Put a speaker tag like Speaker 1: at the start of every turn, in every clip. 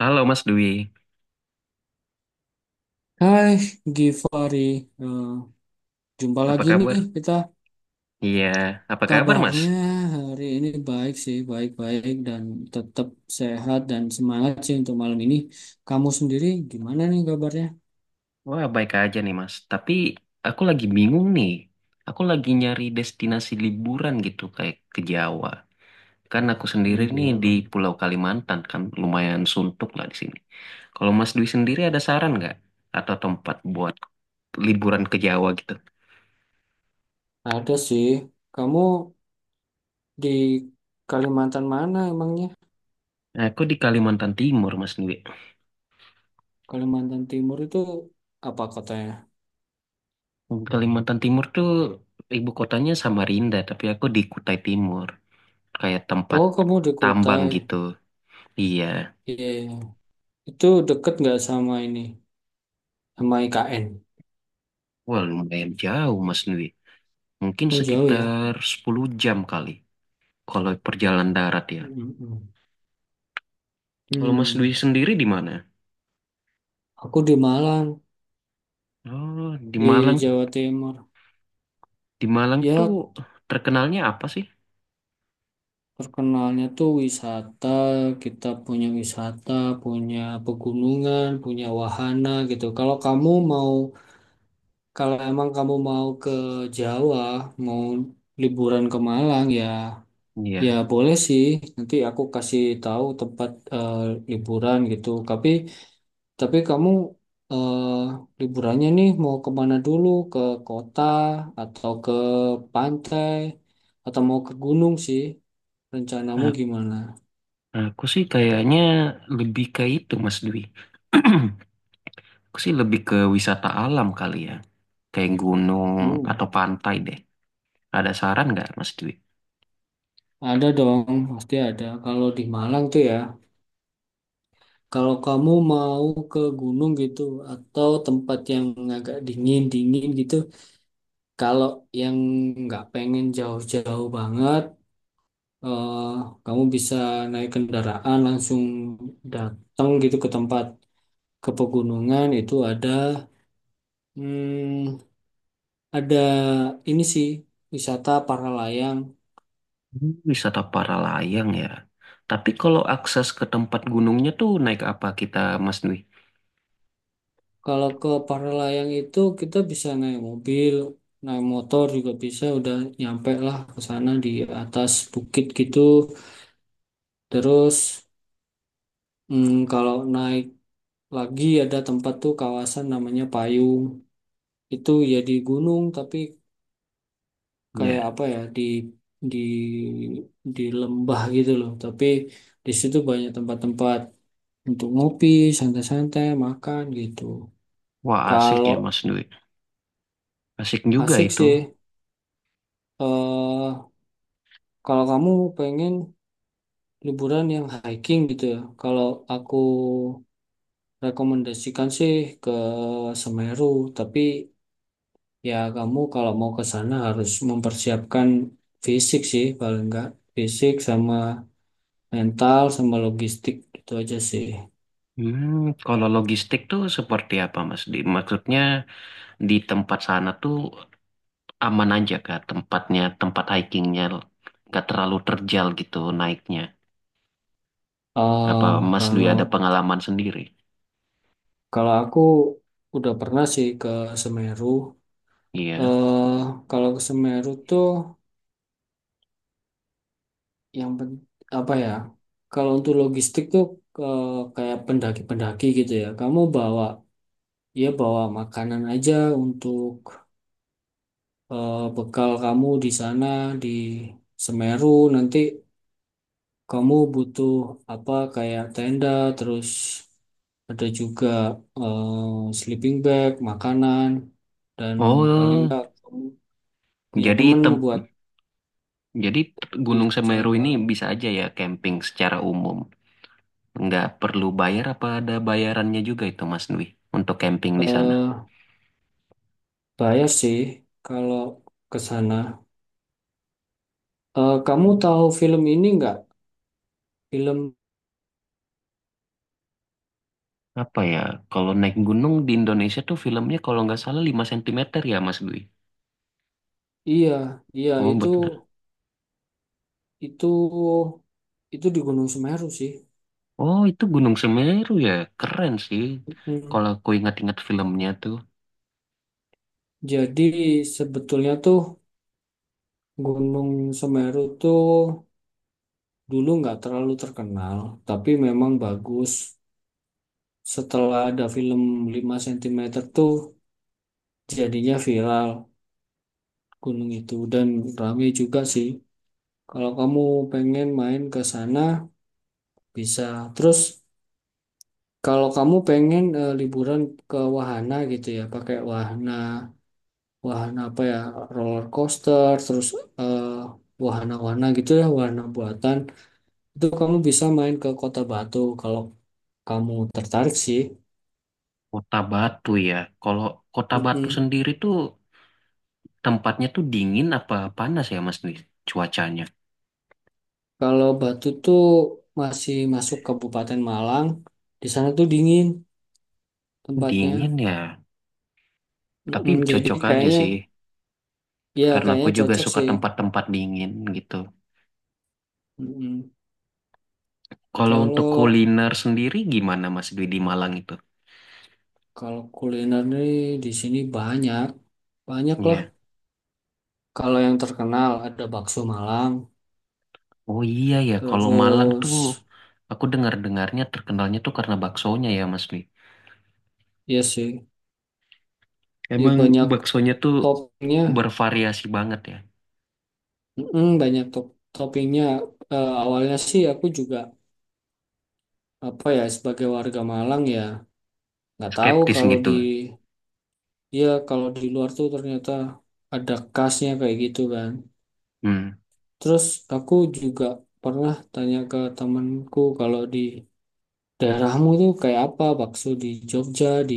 Speaker 1: Halo Mas Dwi,
Speaker 2: Hai Givari, Eh, jumpa
Speaker 1: apa
Speaker 2: lagi nih
Speaker 1: kabar?
Speaker 2: kita.
Speaker 1: Iya, apa kabar Mas?
Speaker 2: Kabarnya hari ini baik sih, baik-baik dan tetap sehat dan semangat sih untuk malam ini. Kamu sendiri gimana nih kabarnya?
Speaker 1: Wah, baik aja nih Mas. Tapi aku lagi bingung nih. Aku lagi nyari destinasi liburan gitu kayak ke Jawa. Kan aku sendiri nih di
Speaker 2: Liburan.
Speaker 1: Pulau Kalimantan kan lumayan suntuk lah di sini. Kalau Mas Dwi sendiri ada saran nggak? Atau tempat buat liburan ke Jawa gitu?
Speaker 2: Ada sih. Kamu di Kalimantan mana emangnya?
Speaker 1: Nah, aku di Kalimantan Timur Mas Dwi.
Speaker 2: Kalimantan Timur itu apa kotanya?
Speaker 1: Kalimantan Timur tuh ibu kotanya Samarinda, tapi aku di Kutai Timur. Kayak tempat
Speaker 2: Oh, kamu di
Speaker 1: tambang
Speaker 2: Kutai.
Speaker 1: gitu. Iya,
Speaker 2: Iya, itu deket nggak sama ini, sama IKN?
Speaker 1: wah lumayan jauh Mas Nwi. Mungkin
Speaker 2: Oh, jauh ya.
Speaker 1: sekitar 10 jam kali kalau perjalanan darat ya.
Speaker 2: Mm-mm.
Speaker 1: Kalau Mas Nwi
Speaker 2: Hmm.
Speaker 1: sendiri di mana?
Speaker 2: Aku di Malang,
Speaker 1: Oh, di
Speaker 2: di
Speaker 1: Malang.
Speaker 2: Jawa Timur.
Speaker 1: Di Malang tuh
Speaker 2: Ya,
Speaker 1: terkenalnya apa sih?
Speaker 2: terkenalnya tuh wisata. Kita punya wisata, punya pegunungan, punya wahana gitu. Kalau kamu mau, kalau emang kamu mau ke Jawa, mau liburan ke Malang ya, ya
Speaker 1: Iya,
Speaker 2: boleh sih. Nanti aku kasih tahu tempat eh, liburan gitu. Tapi kamu eh, liburannya nih mau kemana dulu? Ke kota atau ke pantai atau mau ke gunung sih? Rencanamu
Speaker 1: a-
Speaker 2: gimana?
Speaker 1: aku sih kayaknya lebih ke itu Mas Dwi. Aku sih lebih ke wisata alam kali ya, kayak gunung
Speaker 2: Hmm,
Speaker 1: atau pantai deh. Ada saran nggak Mas Dwi?
Speaker 2: ada dong, pasti ada. Kalau di Malang tuh ya, kalau kamu mau ke gunung gitu atau tempat yang agak dingin-dingin gitu, kalau yang nggak pengen jauh-jauh banget, eh, kamu bisa naik kendaraan langsung datang gitu ke tempat. Ke pegunungan itu hmm, ada ini sih wisata para layang.
Speaker 1: Hmm, wisata para layang ya. Tapi kalau akses ke tempat gunungnya tuh naik apa kita, Mas Dwi?
Speaker 2: Kalau ke para layang itu kita bisa naik mobil, naik motor juga bisa, udah nyampe lah ke sana di atas bukit gitu. Terus kalau naik lagi ada tempat tuh kawasan namanya Payung. Itu ya di gunung tapi kayak
Speaker 1: Ya.
Speaker 2: apa ya di di lembah gitu loh. Tapi di situ banyak tempat-tempat untuk ngopi, santai-santai, makan gitu.
Speaker 1: Wah, asik ya,
Speaker 2: Kalau
Speaker 1: Mas Dwi. Asik juga
Speaker 2: asik
Speaker 1: itu.
Speaker 2: sih, eh kalau kamu pengen liburan yang hiking gitu ya, kalau aku rekomendasikan sih ke Semeru, tapi ya kamu kalau mau ke sana harus mempersiapkan fisik sih, paling enggak fisik sama mental sama logistik itu aja sih.
Speaker 1: Hmm, kalau logistik tuh seperti apa, Mas Dwi? Maksudnya di tempat sana tuh aman aja kah tempatnya, tempat hikingnya nggak terlalu terjal gitu naiknya. Apa
Speaker 2: eh
Speaker 1: Mas Dwi
Speaker 2: kalau
Speaker 1: ada pengalaman sendiri?
Speaker 2: kalau aku udah pernah sih ke Semeru.
Speaker 1: Iya.
Speaker 2: eh Kalau ke Semeru tuh yang pen- apa ya? Kalau untuk logistik tuh ke kayak pendaki-pendaki gitu ya. Kamu bawa makanan aja untuk bekal kamu di sana di Semeru. Nanti kamu butuh apa kayak tenda terus ada juga sleeping bag, makanan dan paling
Speaker 1: Oh,
Speaker 2: enggak kamu punya
Speaker 1: jadi
Speaker 2: temen
Speaker 1: tem
Speaker 2: buat
Speaker 1: jadi
Speaker 2: di
Speaker 1: Gunung Semeru
Speaker 2: jalan
Speaker 1: ini
Speaker 2: bareng.
Speaker 1: bisa aja ya camping secara umum. Nggak perlu bayar apa ada bayarannya juga itu Mas Dwi untuk camping di sana?
Speaker 2: Eh, Saya sih kalau ke sana. Kamu tahu film ini nggak? Film
Speaker 1: Apa ya, kalau naik gunung di Indonesia tuh filmnya kalau nggak salah 5 cm ya Mas Dwi?
Speaker 2: iya, iya
Speaker 1: Oh
Speaker 2: itu
Speaker 1: bener.
Speaker 2: itu di Gunung Semeru sih.
Speaker 1: Oh itu Gunung Semeru ya, keren sih.
Speaker 2: Hmm.
Speaker 1: Kalau aku ingat-ingat filmnya tuh
Speaker 2: Jadi sebetulnya tuh Gunung Semeru tuh dulu nggak terlalu terkenal, tapi memang bagus. Setelah ada film Lima Sentimeter tuh jadinya viral gunung itu dan rame juga sih. Kalau kamu pengen main ke sana bisa. Terus, kalau kamu pengen liburan ke wahana gitu ya, pakai wahana wahana apa ya, roller coaster, terus eh, wahana-wahana gitu ya, wahana buatan, itu kamu bisa main ke Kota Batu kalau kamu tertarik sih.
Speaker 1: Kota Batu ya. Kalau Kota Batu
Speaker 2: Mm-mm.
Speaker 1: sendiri tuh tempatnya tuh dingin apa panas ya Mas Dwi? Cuacanya.
Speaker 2: Kalau Batu tuh masih masuk Kabupaten Malang, di sana tuh dingin tempatnya.
Speaker 1: Dingin ya, tapi
Speaker 2: Mm-mm. Jadi
Speaker 1: cocok aja
Speaker 2: kayaknya,
Speaker 1: sih.
Speaker 2: ya
Speaker 1: Karena aku
Speaker 2: kayaknya
Speaker 1: juga
Speaker 2: cocok
Speaker 1: suka
Speaker 2: sih.
Speaker 1: tempat-tempat dingin gitu.
Speaker 2: Mm-mm.
Speaker 1: Kalau untuk
Speaker 2: Kalau
Speaker 1: kuliner sendiri gimana Mas Dwi di Malang itu?
Speaker 2: kalau kuliner nih di sini banyak, banyak lah.
Speaker 1: Iya.
Speaker 2: Kalau yang terkenal ada bakso Malang,
Speaker 1: Oh iya ya, kalau Malang tuh
Speaker 2: terus
Speaker 1: aku dengar-dengarnya terkenalnya tuh karena baksonya ya Mas Dwi.
Speaker 2: iya sih, ya
Speaker 1: Emang
Speaker 2: banyak
Speaker 1: baksonya tuh
Speaker 2: toppingnya,
Speaker 1: bervariasi banget ya,
Speaker 2: Banyak toppingnya. Awalnya sih aku juga apa ya sebagai warga Malang ya nggak tahu
Speaker 1: skeptis
Speaker 2: kalau
Speaker 1: gitu.
Speaker 2: di ya kalau di luar tuh ternyata ada khasnya kayak gitu kan.
Speaker 1: Hmm,
Speaker 2: Terus aku juga pernah tanya ke temanku kalau di daerahmu tuh kayak apa bakso di Jogja, di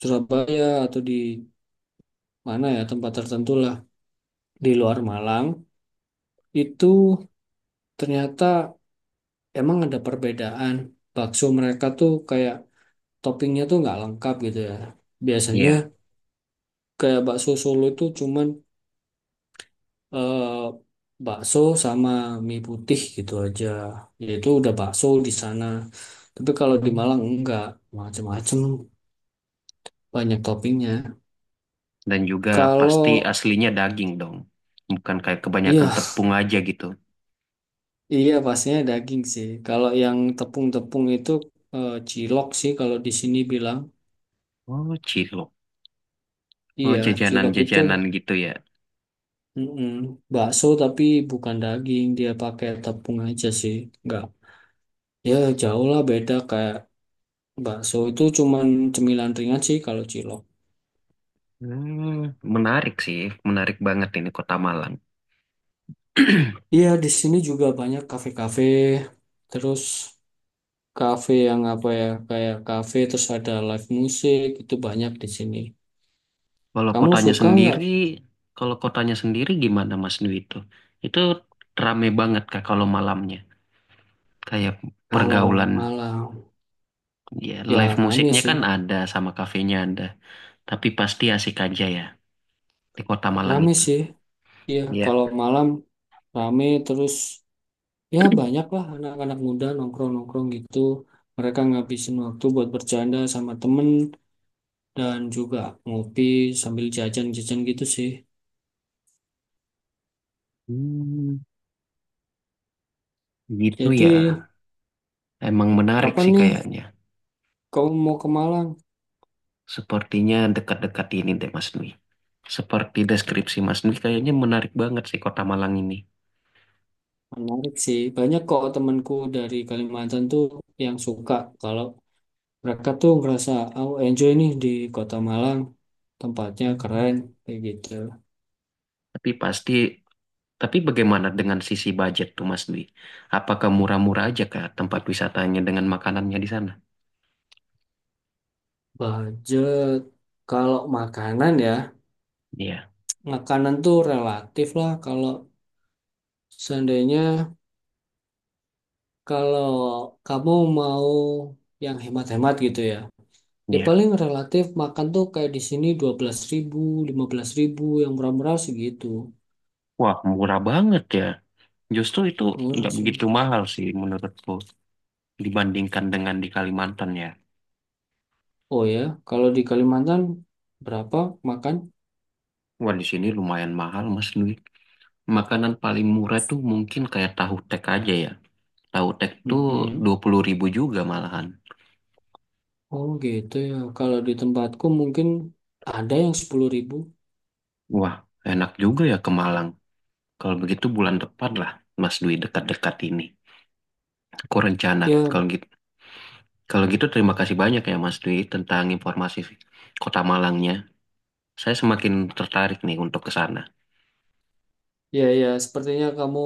Speaker 2: Surabaya atau di mana ya tempat tertentu lah di luar Malang itu ternyata emang ada perbedaan bakso mereka tuh kayak toppingnya tuh nggak lengkap gitu ya biasanya
Speaker 1: iya.
Speaker 2: kayak bakso Solo itu cuman eh, bakso sama mie putih gitu aja yaitu udah bakso di sana tapi kalau di Malang
Speaker 1: Hmm.
Speaker 2: enggak macem-macem banyak toppingnya
Speaker 1: Dan juga pasti
Speaker 2: kalau
Speaker 1: aslinya daging dong, bukan kayak kebanyakan
Speaker 2: iya,
Speaker 1: tepung aja gitu.
Speaker 2: iya, pastinya daging sih. Kalau yang tepung-tepung itu cilok sih kalau di sini bilang.
Speaker 1: Oh cilok, oh
Speaker 2: Iya, cilok itu
Speaker 1: jajanan-jajanan gitu ya.
Speaker 2: mm-mm, bakso tapi bukan daging, dia pakai tepung aja sih. Enggak. Ya, jauh lah beda kayak bakso itu cuman cemilan ringan sih kalau cilok.
Speaker 1: Hmm, menarik sih, menarik banget ini kota Malang.
Speaker 2: Iya, di sini juga banyak kafe-kafe, terus kafe yang apa ya, kayak kafe terus ada live musik, itu banyak di sini.
Speaker 1: Kalau
Speaker 2: Kamu
Speaker 1: kotanya
Speaker 2: suka nggak?
Speaker 1: sendiri, kalau kotanya sendiri, gimana Mas Dwi itu? Itu rame banget Kak kalau malamnya. Kayak
Speaker 2: Kalau
Speaker 1: pergaulan,
Speaker 2: malam
Speaker 1: ya live
Speaker 2: ya rame
Speaker 1: musiknya
Speaker 2: sih.
Speaker 1: kan ada sama kafenya ada. Tapi pasti asik aja ya di kota Malang
Speaker 2: Rame
Speaker 1: itu.
Speaker 2: sih, iya.
Speaker 1: Iya.
Speaker 2: Kalau malam rame terus ya banyak lah anak-anak muda nongkrong-nongkrong gitu. Mereka ngabisin waktu buat bercanda sama temen dan juga ngopi sambil jajan-jajan gitu sih.
Speaker 1: Hmm, gitu
Speaker 2: Jadi
Speaker 1: ya. Emang menarik
Speaker 2: kapan
Speaker 1: sih
Speaker 2: nih
Speaker 1: kayaknya.
Speaker 2: kamu mau ke Malang?
Speaker 1: Sepertinya dekat-dekat ini deh Mas Dwi. Seperti deskripsi Mas Dwi kayaknya menarik banget sih kota Malang ini.
Speaker 2: Menarik sih. Banyak kok temanku dari Kalimantan tuh yang suka kalau mereka tuh ngerasa oh enjoy nih di kota Malang. Tempatnya keren
Speaker 1: Hmm.
Speaker 2: kayak gitu.
Speaker 1: Tapi pasti Tapi bagaimana dengan sisi budget tuh Mas Dwi? Apakah murah-murah aja kah tempat wisatanya dengan makanannya di sana?
Speaker 2: Budget kalau makanan ya,
Speaker 1: Iya,
Speaker 2: makanan tuh relatif lah. Kalau seandainya kalau kamu mau yang hemat-hemat gitu ya, ya
Speaker 1: iya.
Speaker 2: paling relatif makan tuh kayak di sini 12.000 15.000 yang murah-murah segitu.
Speaker 1: Wah, murah banget ya. Justru itu
Speaker 2: Murah
Speaker 1: nggak
Speaker 2: sih.
Speaker 1: begitu mahal sih menurutku dibandingkan dengan di Kalimantan ya.
Speaker 2: Oh ya, kalau di Kalimantan berapa makan?
Speaker 1: Wah, di sini lumayan mahal Mas Dwi. Makanan paling murah tuh mungkin kayak tahu tek aja ya. Tahu tek tuh
Speaker 2: Mm-mm.
Speaker 1: 20.000 juga malahan.
Speaker 2: Oh gitu ya. Kalau di tempatku mungkin ada yang 10.000.
Speaker 1: Wah, enak juga ya ke Malang. Kalau begitu bulan depan lah Mas Dwi dekat-dekat ini. Aku rencana
Speaker 2: Ya,
Speaker 1: kalau gitu Kalau gitu, terima kasih banyak ya Mas Dwi tentang informasi Kota Malangnya. Saya semakin tertarik nih untuk ke sana.
Speaker 2: iya, iya, sepertinya kamu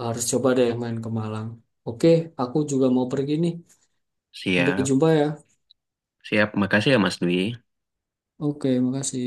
Speaker 2: harus coba deh main ke Malang. Oke, aku juga mau pergi nih. Sampai
Speaker 1: Siap,
Speaker 2: jumpa ya.
Speaker 1: siap. Makasih ya Mas Dwi.
Speaker 2: Oke, makasih.